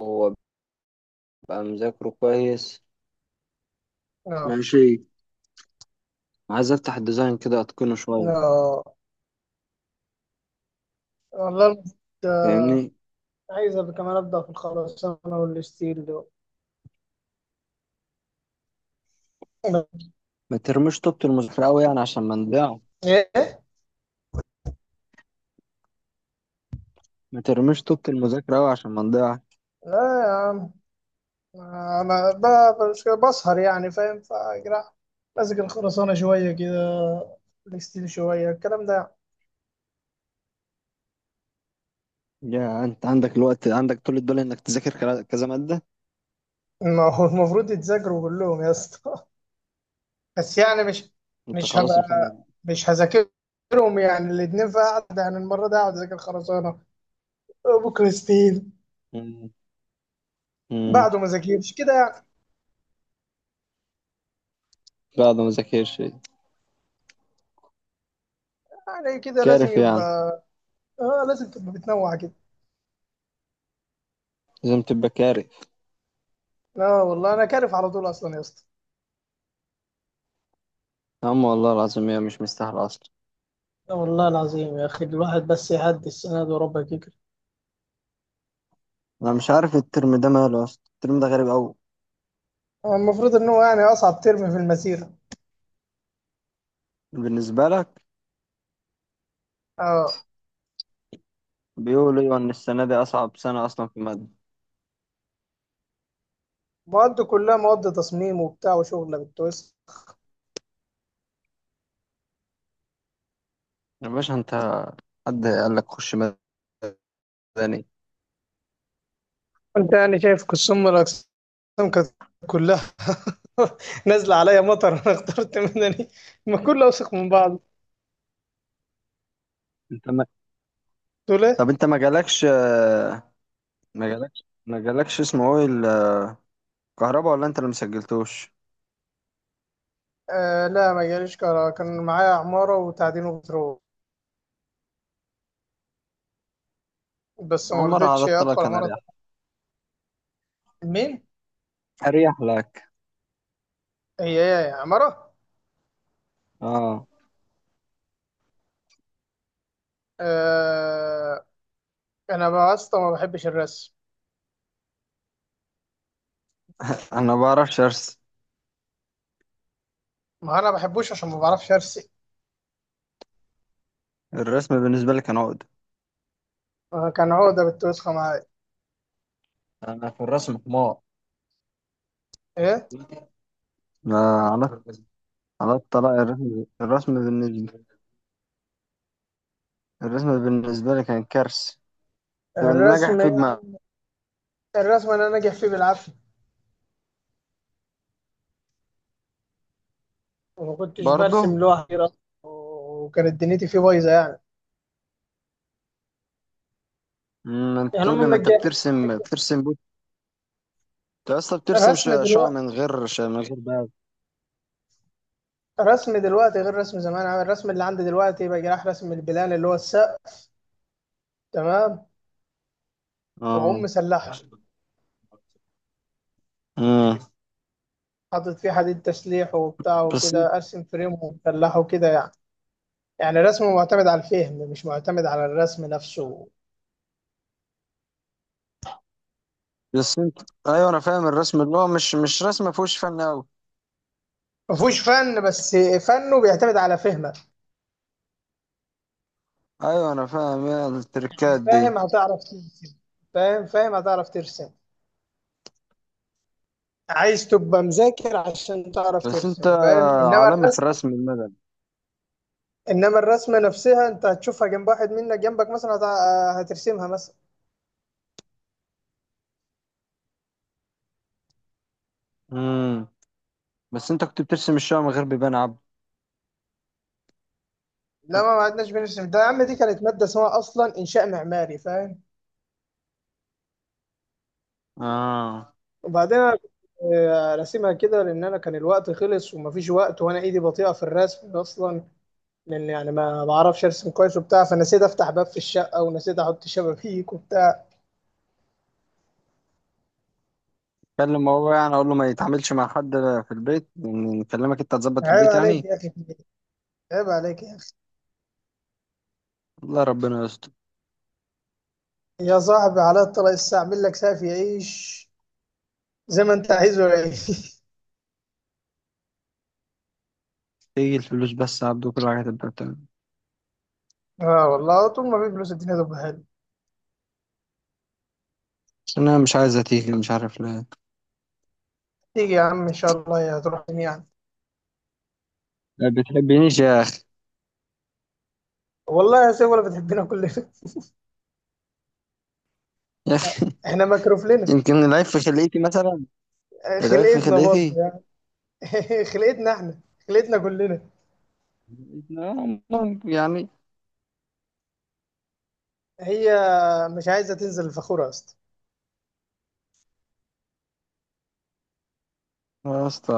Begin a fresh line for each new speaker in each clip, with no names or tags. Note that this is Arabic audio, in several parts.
هو بقى مذاكره كويس.
اه
ماشي. عايز افتح الديزاين كده اتقنه شويه.
اه، والله آه،
فاهمني؟
عايز ابقى كمان ابدا في الخرسانه والستيل دول.
ما ترميش طوبة المذاكره قوي يعني عشان ما نضيع.
ايه
ما ترميش طوبة المذاكره قوي عشان ما نضيع.
لا يا عم، انا بس كده بسهر يعني فاهم، فجرا ماسك الخرسانه شويه كده، الستيل شويه، الكلام ده.
يا انت عندك الوقت، عندك طول الدول انك تذاكر كذا ماده.
ما هو المفروض يتذاكروا كلهم يا اسطى بس يعني مش
انت
مش
خلاص
هبقى،
الفن.
مش هذاكرهم يعني الاتنين في قعدة. يعني المرة دي هقعد اذاكر خرسانة، بكرة ستيل.
مم. مم.
بعده ما ذاكرش كده يعني.
لا ده ما ذاكرش
يعني كده لازم
كارف
يبقى.
يعني.
اه لازم تبقى بتنوع كده.
لازم تبقى كارف.
لا والله انا كارف على طول اصلا يا اسطى.
يا عم والله العظيم هي مش مستاهله اصلا.
لا والله العظيم يا أخي، الواحد بس يعدي السنة دي وربك يكرم.
انا مش عارف الترم ده ماله اصلا، الترم ده غريب قوي.
هو المفروض ان هو يعني اصعب ترم في المسيره.
بالنسبه لك؟
اه.
بيقولوا ايوه ان السنه دي اصعب سنه اصلا في الماده.
مواد كلها مواد تصميم وبتاع وشغله بالتويست.
يا باشا انت، حد قال لك خش مدني؟
انت يعني شايف قسم من الاقسام، كانت كلها نازله عليا مطر. انا اخترت مدني، ما كله اوسخ من بعض.
انت ما...
تقول ايه؟
طب انت ما جالكش، ما جالكش اسمه ايه، الكهرباء، ولا انت اللي مسجلتوش؟
آه لا، ما جاليش كهرباء. كان معايا عماره وتعدين وبترول، بس ما
عمر على
رضيتش
الطلاق
ادخل
كان
عماره.
اريح،
مين؟
اريح لك.
هي؟ هي عمارة.
اه.
آه. انا بقى يا اسطى ما بحبش الرسم.
انا ما بعرفش ارسم.
ما انا ما بحبوش عشان ما بعرفش ارسم.
الرسم بالنسبه لي كان عقد.
كان هو ده بتوسخة معايا.
انا في الرسم حمار.
ايه،
لا، على على الطلاق. الرسم بالنسبه لي كان كارثه. طب النجح
الرسم
في
يا
دماغي.
عم. الرسم انا ناجح فيه بالعافية، وما كنتش
برضه.
برسم لوحدي أصلاً، وكانت دنيتي فيه بايظة يعني.
ما انت
يعني
تقول لي
هم
ما انت
منجحين.
بترسم. انت اصلا بترسم
رسم
شقق
دلوقتي،
من غير بقى.
رسم دلوقتي غير رسم زمان. عامل الرسم اللي عندي دلوقتي بقى راح رسم البلان اللي هو السقف، تمام،
اه.
واقوم مسلحه،
امم.
حاطط فيه حديد تسليح وبتاع
بس انت-
وكده، ارسم فريم ومسلحه وكده يعني. يعني الرسم معتمد على الفهم، مش معتمد على الرسم نفسه.
بس انت، ايوه انا فاهم الرسم اللي هو مش رسم، ما فيهوش فن قوي.
ما فيهوش فن، بس فنه بيعتمد على فهمك.
ايوه انا فاهم يا
يعني
التركات دي.
فاهم هتعرف ترسم. فاهم هتعرف ترسم. عايز تبقى مذاكر عشان تعرف
بس انت
ترسم، فاهم، انما
عالمي في
الرسم،
الرسم المدني.
انما الرسمه نفسها انت هتشوفها جنب واحد منك، جنبك مثلا هترسمها مثلا.
امم. بس انت كنت بترسم الشقق من غير بيبان عبد.
لا، ما عدناش بنرسم ده يا عم، دي كانت ماده اسمها اصلا انشاء معماري، فاهم.
اه.
وبعدين أنا كنت راسمها كده لان انا كان الوقت خلص ومفيش وقت، وانا ايدي بطيئه في الرسم اصلا، لان يعني ما بعرفش ارسم كويس وبتاع، فنسيت افتح باب في الشقه ونسيت احط شبابيك وبتاع.
كلم هو يعني اقول له ما يتعاملش مع حد في البيت، يعني نكلمك انت تظبط
عيب
البيت
عليك
يعني.
يا اخي، عيب عليك يا اخي.
الله ربنا يستر.
يا صاحبي على الطلاق الساعه اعمل لك سافي عيش، زي ما انت عايزه يعيش.
تيجي الفلوس بس يا عبد وكل حاجه تبقى تمام.
اه والله طول ما في فلوس الدنيا تبقى حلوه.
بس انا مش عايزه تيجي، مش عارف ليه.
تيجي يا عم ان شاء الله، يا هتروح يعني.
ما بتحبنيش.
والله يا سيف ولا بتحبنا كلنا
يا أخي.
احنا مكروف لنا.
يمكن العيب في خليتي مثلا. العيب في
خلقتنا برضه.
خليتي.
خلقتنا احنا، خلقتنا كلنا.
آه، ممكن يعني.
هي مش عايزه تنزل الفخوره يا اسطى.
يا اسطى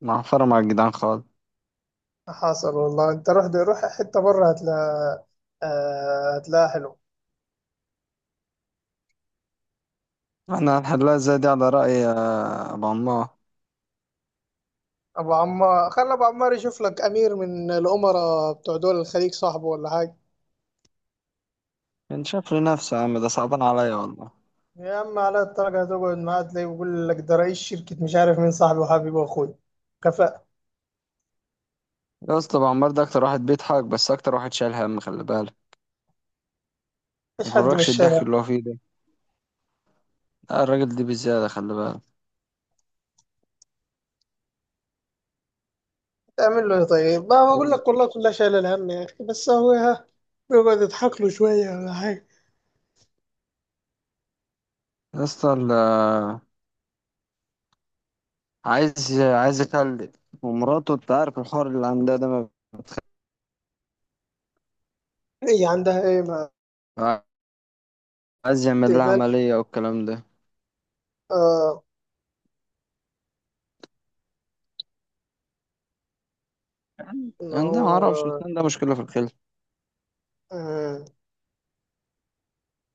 معفرة مع الجدعان خالص.
حصل والله، انت روح دي، روح حته بره هتلاقي. آه، هتلاقيها حلو.
احنا هنحلها ازاي دي على رأي أبو عمار؟
ابو عمار، خلي ابو عمار يشوف لك امير من الامراء بتوع دول الخليج، صاحبه ولا حاجه.
كان شاف لنفسه يا عم، ده صعبان عليا والله.
يا عم على الدرجه هتقعد معاه تلاقيه بيقول لك ده رئيس شركه مش عارف مين، صاحبي وحبيبي واخوي. كفاءة.
يا اسطى أبو عمار ده أكتر واحد بيضحك، بس أكتر واحد شايل هم، خلي بالك. ما
مفيش حد من
يغركش الضحك
الشارع.
اللي هو فيه ده. لا الراجل ده بزيادة، خلي بالك.
تعمل له إيه طيب؟ ما بقول لك
أيوة.
والله كلها شايله الهم يا اخي، بس هو ها بيقعد يضحك له شويه ولا حاجه.
يا اسطى عايز يخلف، ومراته انت عارف الحوار اللي عندها ده.
هي عندها ايه ما؟
ما- عايز يعمل لها
تقبل؟
عملية والكلام ده.
اه، ان
عنده، ما اعرفش،
هو.
ده مشكله في الخلف.
آه.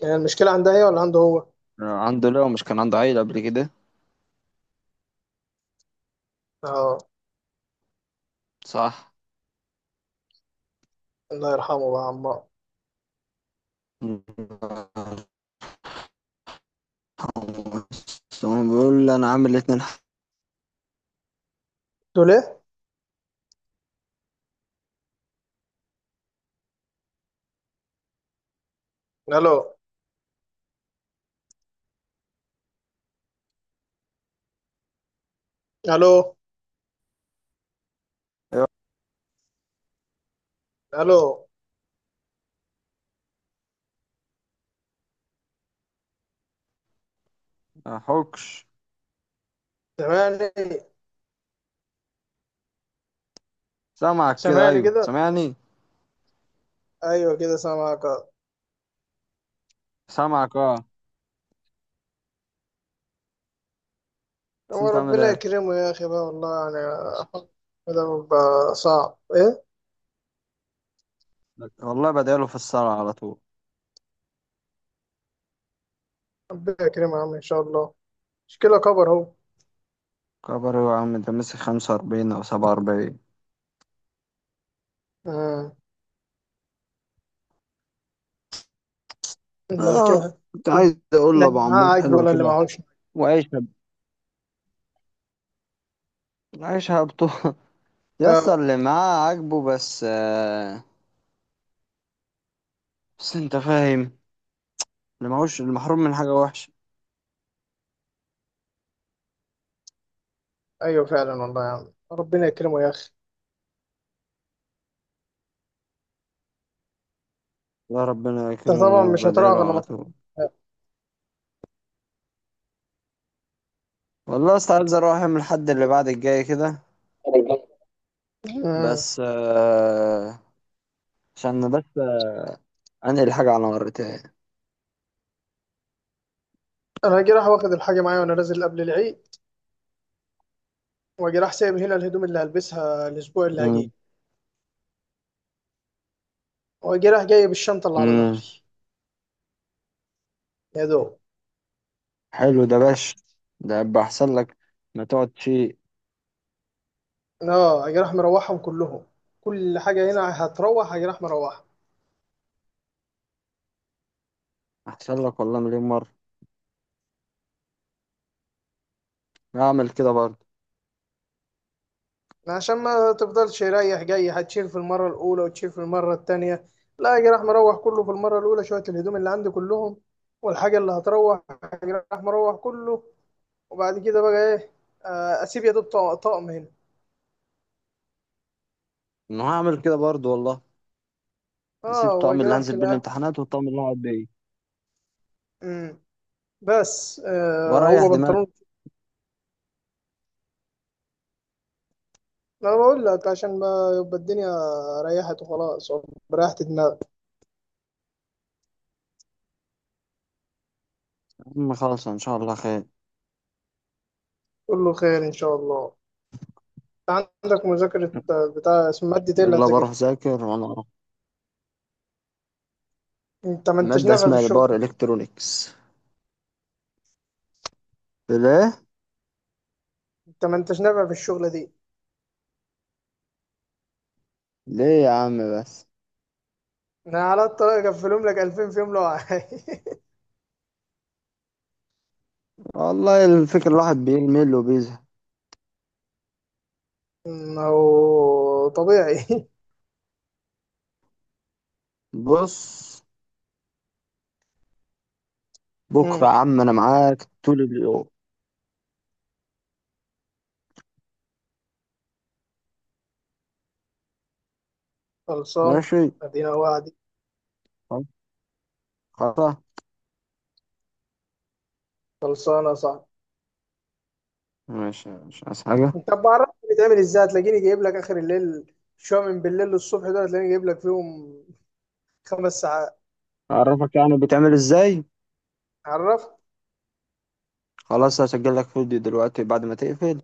يعني المشكلة عندها هي ولا عنده هو؟
عنده، لو مش كان عنده عيله قبل كده.
اه.
صح.
الله يرحمه بقى عمار.
ثم بيقول لي انا عامل اتنين.
تقول ايه؟ الو، الو،
حقوق.
الو.
ما حكش.
سامعني؟
سامعك كده،
سامعني
ايوه
كده؟
سامعني.
ايوه كده سامعك آه.
سامعك اه. بس
هو
انت عامل
ربنا
ايه؟
يكرمه يا اخي بقى، والله يعني. ده بقى صعب ايه؟
والله بداله في الصلاه على طول.
ربنا يكرمه يا عم ان شاء الله. مشكلة كبر اهو.
كبر يا عم، انت ماسك 45 او 47.
آه. لا
انا
كده.
كنت عايز اقول
لا،
لابو
اللي معاه
عمار
عاجب
حلو
ولا اللي
كده.
معهوش.
وعيشها، عيشها بطول.
آه.
يسطا اللي معاه عاجبه بس. بس انت فاهم، اللي ماهوش المحروم من حاجة وحشة.
ايوه فعلا والله يا عم، ربنا يكرمه يا اخي.
لا ربنا
انت طبعا
يكرمه
مش هتروح
وبدعيله
غير
على
لما
طول. والله يا اسطى عايز اروح اعمل الحد اللي بعد الجاي كده.
تروح. مم.
بس عشان بس انقل حاجة على مرتين.
انا هاجي راح واخد الحاجه معايا وانا نازل قبل العيد، واجي راح سايب هنا الهدوم اللي هلبسها الاسبوع اللي هجيه،
مم.
واجي راح جايب الشنطه اللي على ظهري،
مم.
يا دوب.
حلو ده باش. ده يبقى احسن لك. ما تقعد شيء.
اه اجي راح مروحهم كلهم، كل حاجه هنا هتروح اجي راح مروحها.
احسن لك والله مليون مرة. هعمل كده برضه.
عشان ما تفضلش رايح جاي هتشيل في المره الاولى وتشيل في المره التانيه. لا، اجي راح مروح كله في المره الاولى، شويه الهدوم اللي عندي كلهم والحاجه اللي هتروح اجي راح مروح كله. وبعد كده بقى ايه، اسيب يا دوب طقم هنا.
انا هعمل كده برضه والله. هسيب
اه، هو
الطقم اللي
جناح
هنزل
في
بيه
الأهلي.
الامتحانات والطقم اللي هقعد بيه
امم بس
واريح
هو
دماغي.
بنطلون. انا بقول لك عشان ما، يبقى الدنيا ريحت وخلاص، بريحت دماغك.
يا عم خالص ان شاء الله خير.
كله خير ان شاء الله. عندك مذاكرة بتاع، اسم مادة ايه اللي
يلا بروح
هتذاكر؟
ذاكر وانا اروح.
انت ما انتش
مادة
نافع في
اسمها
الشغل.
باور الكترونكس. ليه؟
انت ما انتش نافع في الشغلة دي.
ليه يا عم بس.
انا على الطلاق اقفلهم لك 2000 في يوم لو عايز.
والله الفكرة الواحد بيمل وبيزهق.
هو طبيعي.
بص، بكرة يا
أمم،
عم أنا معاك طول اليوم.
خلصان.
ماشي.
ادينا وعدي.
خلاص. خلاص.
خلصانة صح.
ماشي، مش عايز حاجة.
طب بعرفك بتعمل ازاي، هتلاقيني جايب لك اخر الليل شويه، من بالليل للصبح دول هتلاقيني جايب لك فيهم 5 ساعات.
أعرفك يعني بتعمل إزاي.
عرفت.
خلاص، هسجل لك فيديو دلوقتي بعد ما تقفل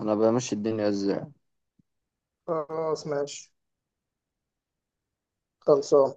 أنا بمشي الدنيا إزاي.
خلاص ماشي، خلصان.